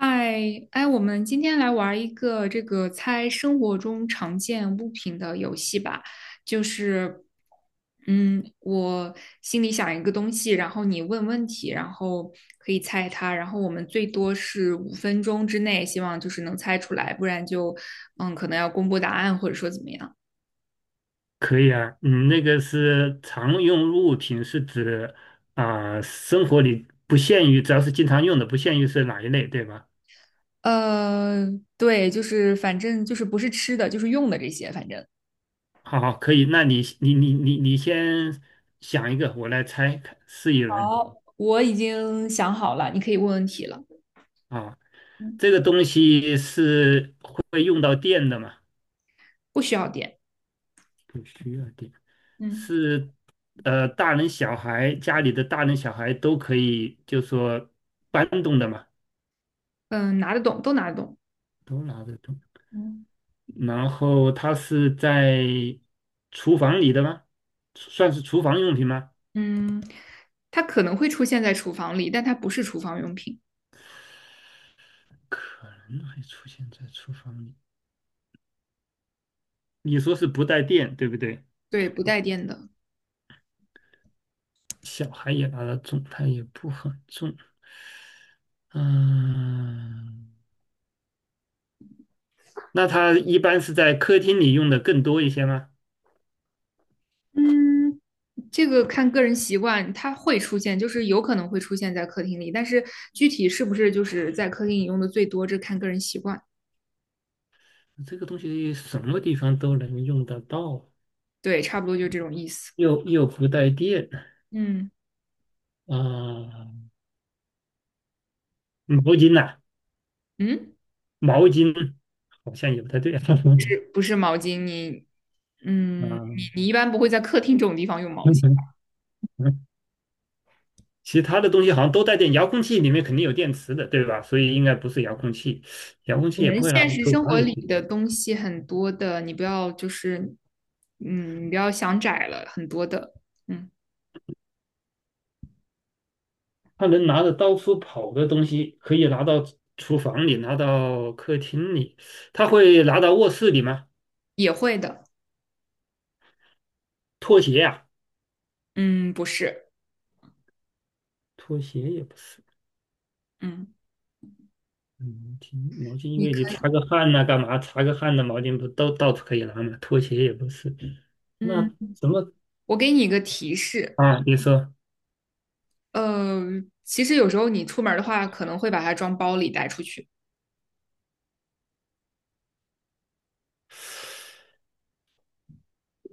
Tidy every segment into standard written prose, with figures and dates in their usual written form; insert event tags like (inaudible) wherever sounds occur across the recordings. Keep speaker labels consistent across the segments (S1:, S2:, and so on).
S1: 嗨，哎，我们今天来玩一个这个猜生活中常见物品的游戏吧。就是，我心里想一个东西，然后你问问题，然后可以猜它，然后我们最多是五分钟之内，希望就是能猜出来，不然可能要公布答案或者说怎么样。
S2: 可以啊，你那个是常用物品，是指生活里不限于，只要是经常用的，不限于是哪一类，对吧？
S1: 呃，对，就是反正就是不是吃的，就是用的这些，反正
S2: 好好，可以，那你先想一个，我来猜看试一轮
S1: 好，我已经想好了，你可以问问题了。
S2: 啊。这个东西是会用到电的吗？
S1: 不需要点。
S2: 不需要电，
S1: 嗯，
S2: 是大人小孩家里的大人小孩都可以，就说搬动的嘛，
S1: 嗯，拿得动，都拿得动。
S2: 都拿得动。
S1: 嗯
S2: 然后它是在厨房里的吗？算是厨房用品吗？
S1: 嗯，它可能会出现在厨房里，但它不是厨房用品，
S2: 可能会出现在厨房里。你说是不带电，对不对？
S1: 对，不带电的。
S2: 小孩也拿得重，它也不很重。嗯，那它一般是在客厅里用的更多一些吗？
S1: 嗯，这个看个人习惯，它会出现，就是有可能会出现在客厅里，但是具体是不是就是在客厅里用的最多，这看个人习惯。
S2: 这个东西什么地方都能用得到，
S1: 对，差不多就这种意思。
S2: 又不带电
S1: 嗯，
S2: 啊，毛巾呐、
S1: 嗯，
S2: 毛巾好像也不太对啊。(laughs)
S1: 是不是毛巾？你，嗯，
S2: 啊，
S1: 你你一般不会在客厅这种地方用毛巾，
S2: (laughs) 其他的东西好像都带电，遥控器里面肯定有电池的，对吧？所以应该不是遥控器，遥控
S1: 我
S2: 器也
S1: 们
S2: 不会拿
S1: 现
S2: 到
S1: 实
S2: 厨
S1: 生
S2: 房
S1: 活
S2: 里
S1: 里
S2: 去。
S1: 的东西很多的，你不要想窄了，很多的，嗯，
S2: 它能拿着到处跑的东西，可以拿到厨房里，拿到客厅里，他会拿到卧室里吗？
S1: 也会的，
S2: 拖鞋呀、
S1: 嗯，不是，
S2: 拖鞋也不是。
S1: 嗯，
S2: 毛巾，挺毛巾，因
S1: 你
S2: 为你
S1: 可以，
S2: 擦个汗呐、干嘛？擦个汗的毛巾不都到处可以拿吗？拖鞋也不是。那
S1: 嗯，
S2: 什么
S1: 我给你一个提示，
S2: 啊？你说，
S1: 呃，其实有时候你出门儿的话，可能会把它装包里带出去，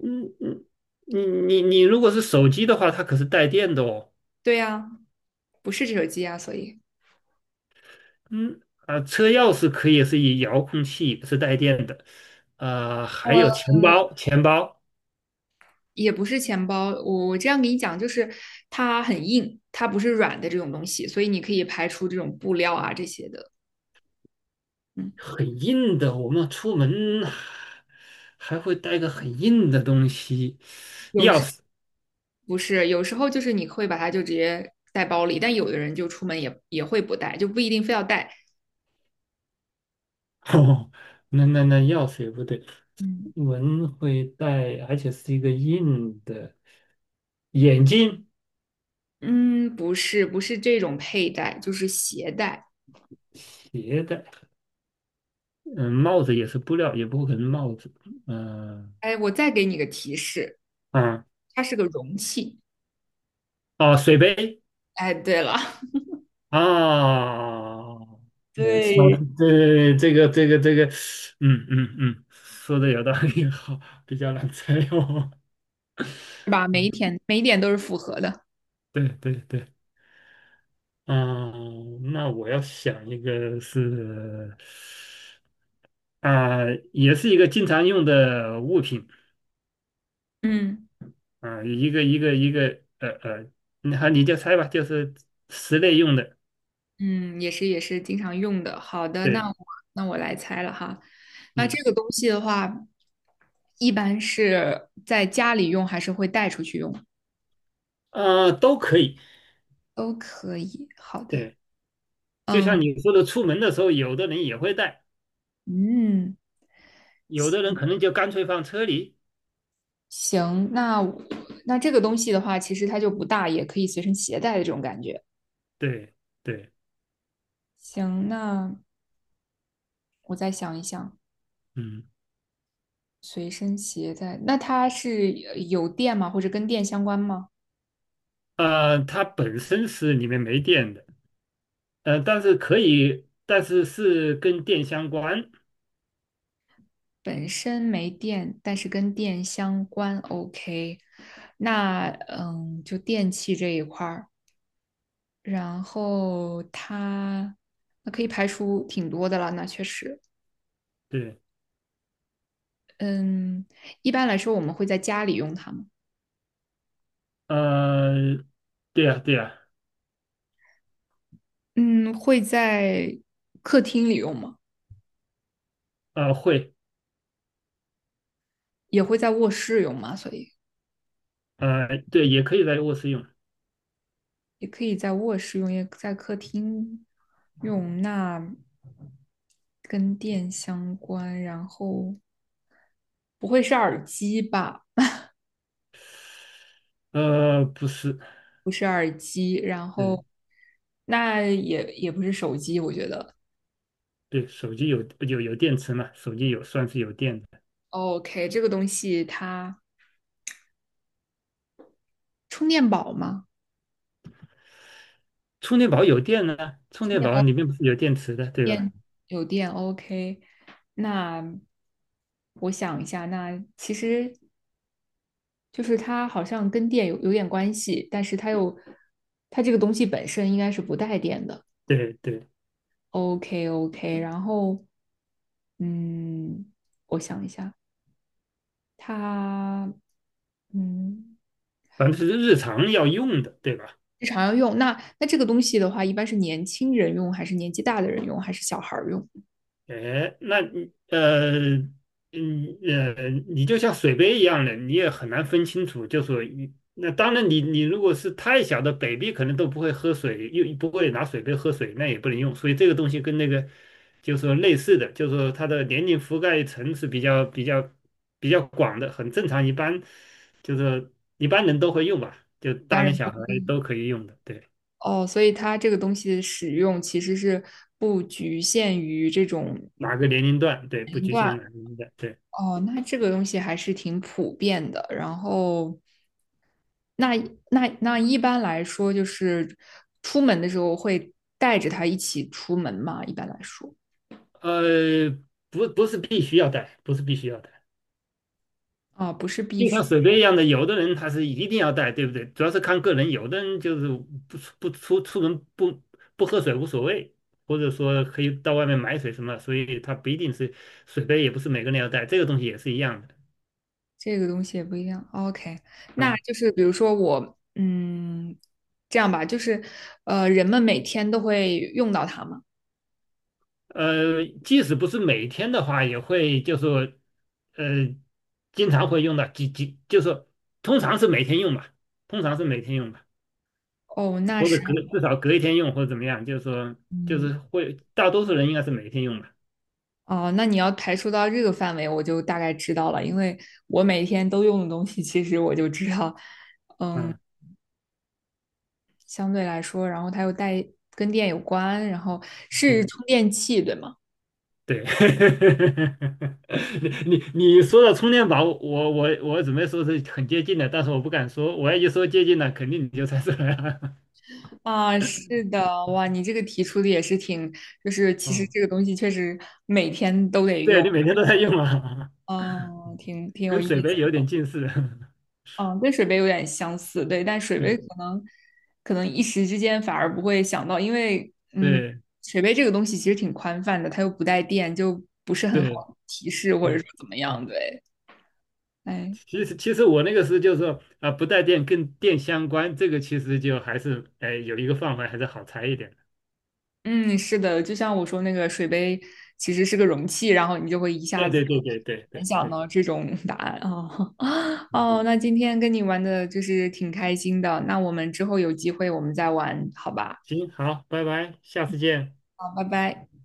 S2: 嗯嗯，你如果是手机的话，它可是带电的哦。
S1: 对呀，不是这手机呀，
S2: 嗯，啊，车钥匙可以是以遥控器，不是带电的。啊、还
S1: 呃，
S2: 有钱包，钱包
S1: 也不是钱包，我这样给你讲，就是它很硬，它不是软的这种东西，所以你可以排除这种布料啊这些的，嗯，
S2: 很硬的，我们出门还会带个很硬的东西，
S1: 有
S2: 钥
S1: 时。
S2: 匙。
S1: 不是，有时候就是你会把它就直接带包里，但有的人就出门也会不带，就不一定非要带。
S2: (laughs) 哦，那那钥匙也不对，出
S1: 嗯，
S2: 门会带，而且是一个硬的。眼镜、
S1: 嗯，不是，不是这种佩戴，就是携带。
S2: 鞋带，嗯，帽子也是布料，也不可能帽子。嗯、
S1: 哎，我再给你个提示，
S2: 啊，
S1: 它是个容器。
S2: 哦，水杯。
S1: 哎，对了，
S2: 啊，
S1: (laughs)
S2: 说
S1: 对，
S2: 对这个，嗯嗯嗯，说的有道理，好，比较难猜哦。
S1: 是吧？
S2: (laughs)
S1: 每一
S2: 嗯，
S1: 点每一点都是符合的。
S2: 对对对，啊，那我要想一个是，啊、也是一个经常用的物品，
S1: 嗯，
S2: 啊、一个，你好，你就猜吧，就是室内用的，
S1: 嗯，也是也是经常用的。好的，
S2: 对，
S1: 那我来猜了哈。那
S2: 嗯，
S1: 这个东西的话，一般是在家里用还是会带出去用？
S2: 啊，都可以，
S1: 都可以。好的，
S2: 对，就
S1: 嗯
S2: 像你说的，出门的时候，有的人也会带。
S1: 嗯，
S2: 有的人可能就干脆放车里，
S1: 行，那我那这个东西的话，其实它就不大，也可以随身携带的这种感觉。
S2: 对对，
S1: 行，那我再想一想，
S2: 嗯，
S1: 随身携带，那它是有电吗？或者跟电相关吗？
S2: 它本身是里面没电的，但是可以，但是是跟电相关，
S1: 本身没电，但是跟电相关，OK。那嗯，就电器这一块儿，然后它那可以排除挺多的了，那确实。
S2: 对，
S1: 嗯，一般来说我们会在家里用它吗？
S2: 呃，对呀对呀，
S1: 嗯，会在客厅里用吗？
S2: 会，
S1: 也会在卧室用吗？所以
S2: 对，也可以在卧室用，
S1: 也可以在卧室用，也在客厅用。那跟电相关，然后不会是耳机吧？
S2: 不是，
S1: 不是耳机，然后
S2: 嗯
S1: 那也不是手机，我觉得。
S2: 对，手机有电池嘛，手机有算是有电的，
S1: OK，这个东西它充电宝吗？
S2: 充电宝有电呢，充电宝里面不是有电池的，对吧？
S1: 电有电 OK，那我想一下，那其实就是它好像跟电有点关系，但是它又它这个东西本身应该是不带电的。
S2: 对对，
S1: OK OK，然后嗯，我想一下，它嗯
S2: 反正是日常要用的，对吧？
S1: 日常要用，那这个东西的话，一般是年轻人用，还是年纪大的人用，还是小孩儿用？
S2: 哎，那你,你就像水杯一样的，你也很难分清楚。就说一那当然你，你如果是太小的 baby，可能都不会喝水，又不会拿水杯喝水，那也不能用。所以这个东西跟那个就是说类似的，就是说它的年龄覆盖层是比较广的，很正常。一般就是说一般人都会用吧，就大
S1: 家
S2: 人
S1: 人不
S2: 小孩都可以用的，对，
S1: 哦，所以它这个东西的使用其实是不局限于这种
S2: 哪个年龄段，对，不局限
S1: 哇，
S2: 哪个年龄段，对。
S1: 哦，那这个东西还是挺普遍的。然后，那那一般来说，就是出门的时候会带着它一起出门嘛？一般来说，
S2: 呃，不是必须要带，不是必须要带，
S1: 不是必
S2: 就
S1: 须，
S2: 像水杯一样的，有的人他是一定要带，对不对？主要是看个人，有的人就是不出不出出门不喝水无所谓，或者说可以到外面买水什么，所以他不一定是水杯，也不是每个人要带，这个东西也是一样的。
S1: 这个东西也不一样。OK，那就是比如说我，嗯，这样吧，就是人们每天都会用到它嘛。
S2: 即使不是每天的话，也会就说呃经常会用到，就说通常是每天用吧，通常是每天用吧。
S1: 哦，那
S2: 或者
S1: 是，
S2: 隔至少隔一天用或者怎么样，就是说就
S1: 嗯，
S2: 是会大多数人应该是每天用吧。
S1: 哦，那你要排除到这个范围，我就大概知道了，因为我每天都用的东西，其实我就知道。嗯。
S2: 嗯，
S1: 相对来说，然后它又带跟电有关，然后是
S2: 嗯，
S1: 充电器，对吗？
S2: 对。(laughs) 你你你说的充电宝，我准备说是很接近的，但是我不敢说，我要一说接近了，肯定你就猜出来了。
S1: 啊，
S2: (laughs)
S1: 是的，哇，你这个提出的也是挺，就是其实
S2: 嗯，
S1: 这个东西确实每天都得
S2: 对
S1: 用，
S2: 你每天都在用啊，(laughs)
S1: 哦，挺挺有
S2: 跟
S1: 意
S2: 水杯有
S1: 思，
S2: 点近似。(laughs)
S1: 嗯，跟水杯有点相似，对，但水杯可
S2: 对
S1: 能可能一时之间反而不会想到，因为嗯，
S2: 对
S1: 水杯这个东西其实挺宽泛的，它又不带电，就不是很好
S2: 对
S1: 提示或者说
S2: 对
S1: 怎么
S2: 对
S1: 样，对，哎。
S2: 其实我那个是就是说不带电跟电相关，这个其实就还是哎有一个范围还是好猜一点的。
S1: 嗯，是的，就像我说那个水杯其实是个容器，然后你就会一下
S2: 对
S1: 子
S2: 对对对对
S1: 联
S2: 对
S1: 想
S2: 对，
S1: 到这种答案哦 (laughs)
S2: 嗯，
S1: 哦，那今天跟你玩的就是挺开心的，那我们之后有机会我们再玩，好吧？
S2: 行，好，拜拜，下次见。
S1: 好，拜拜。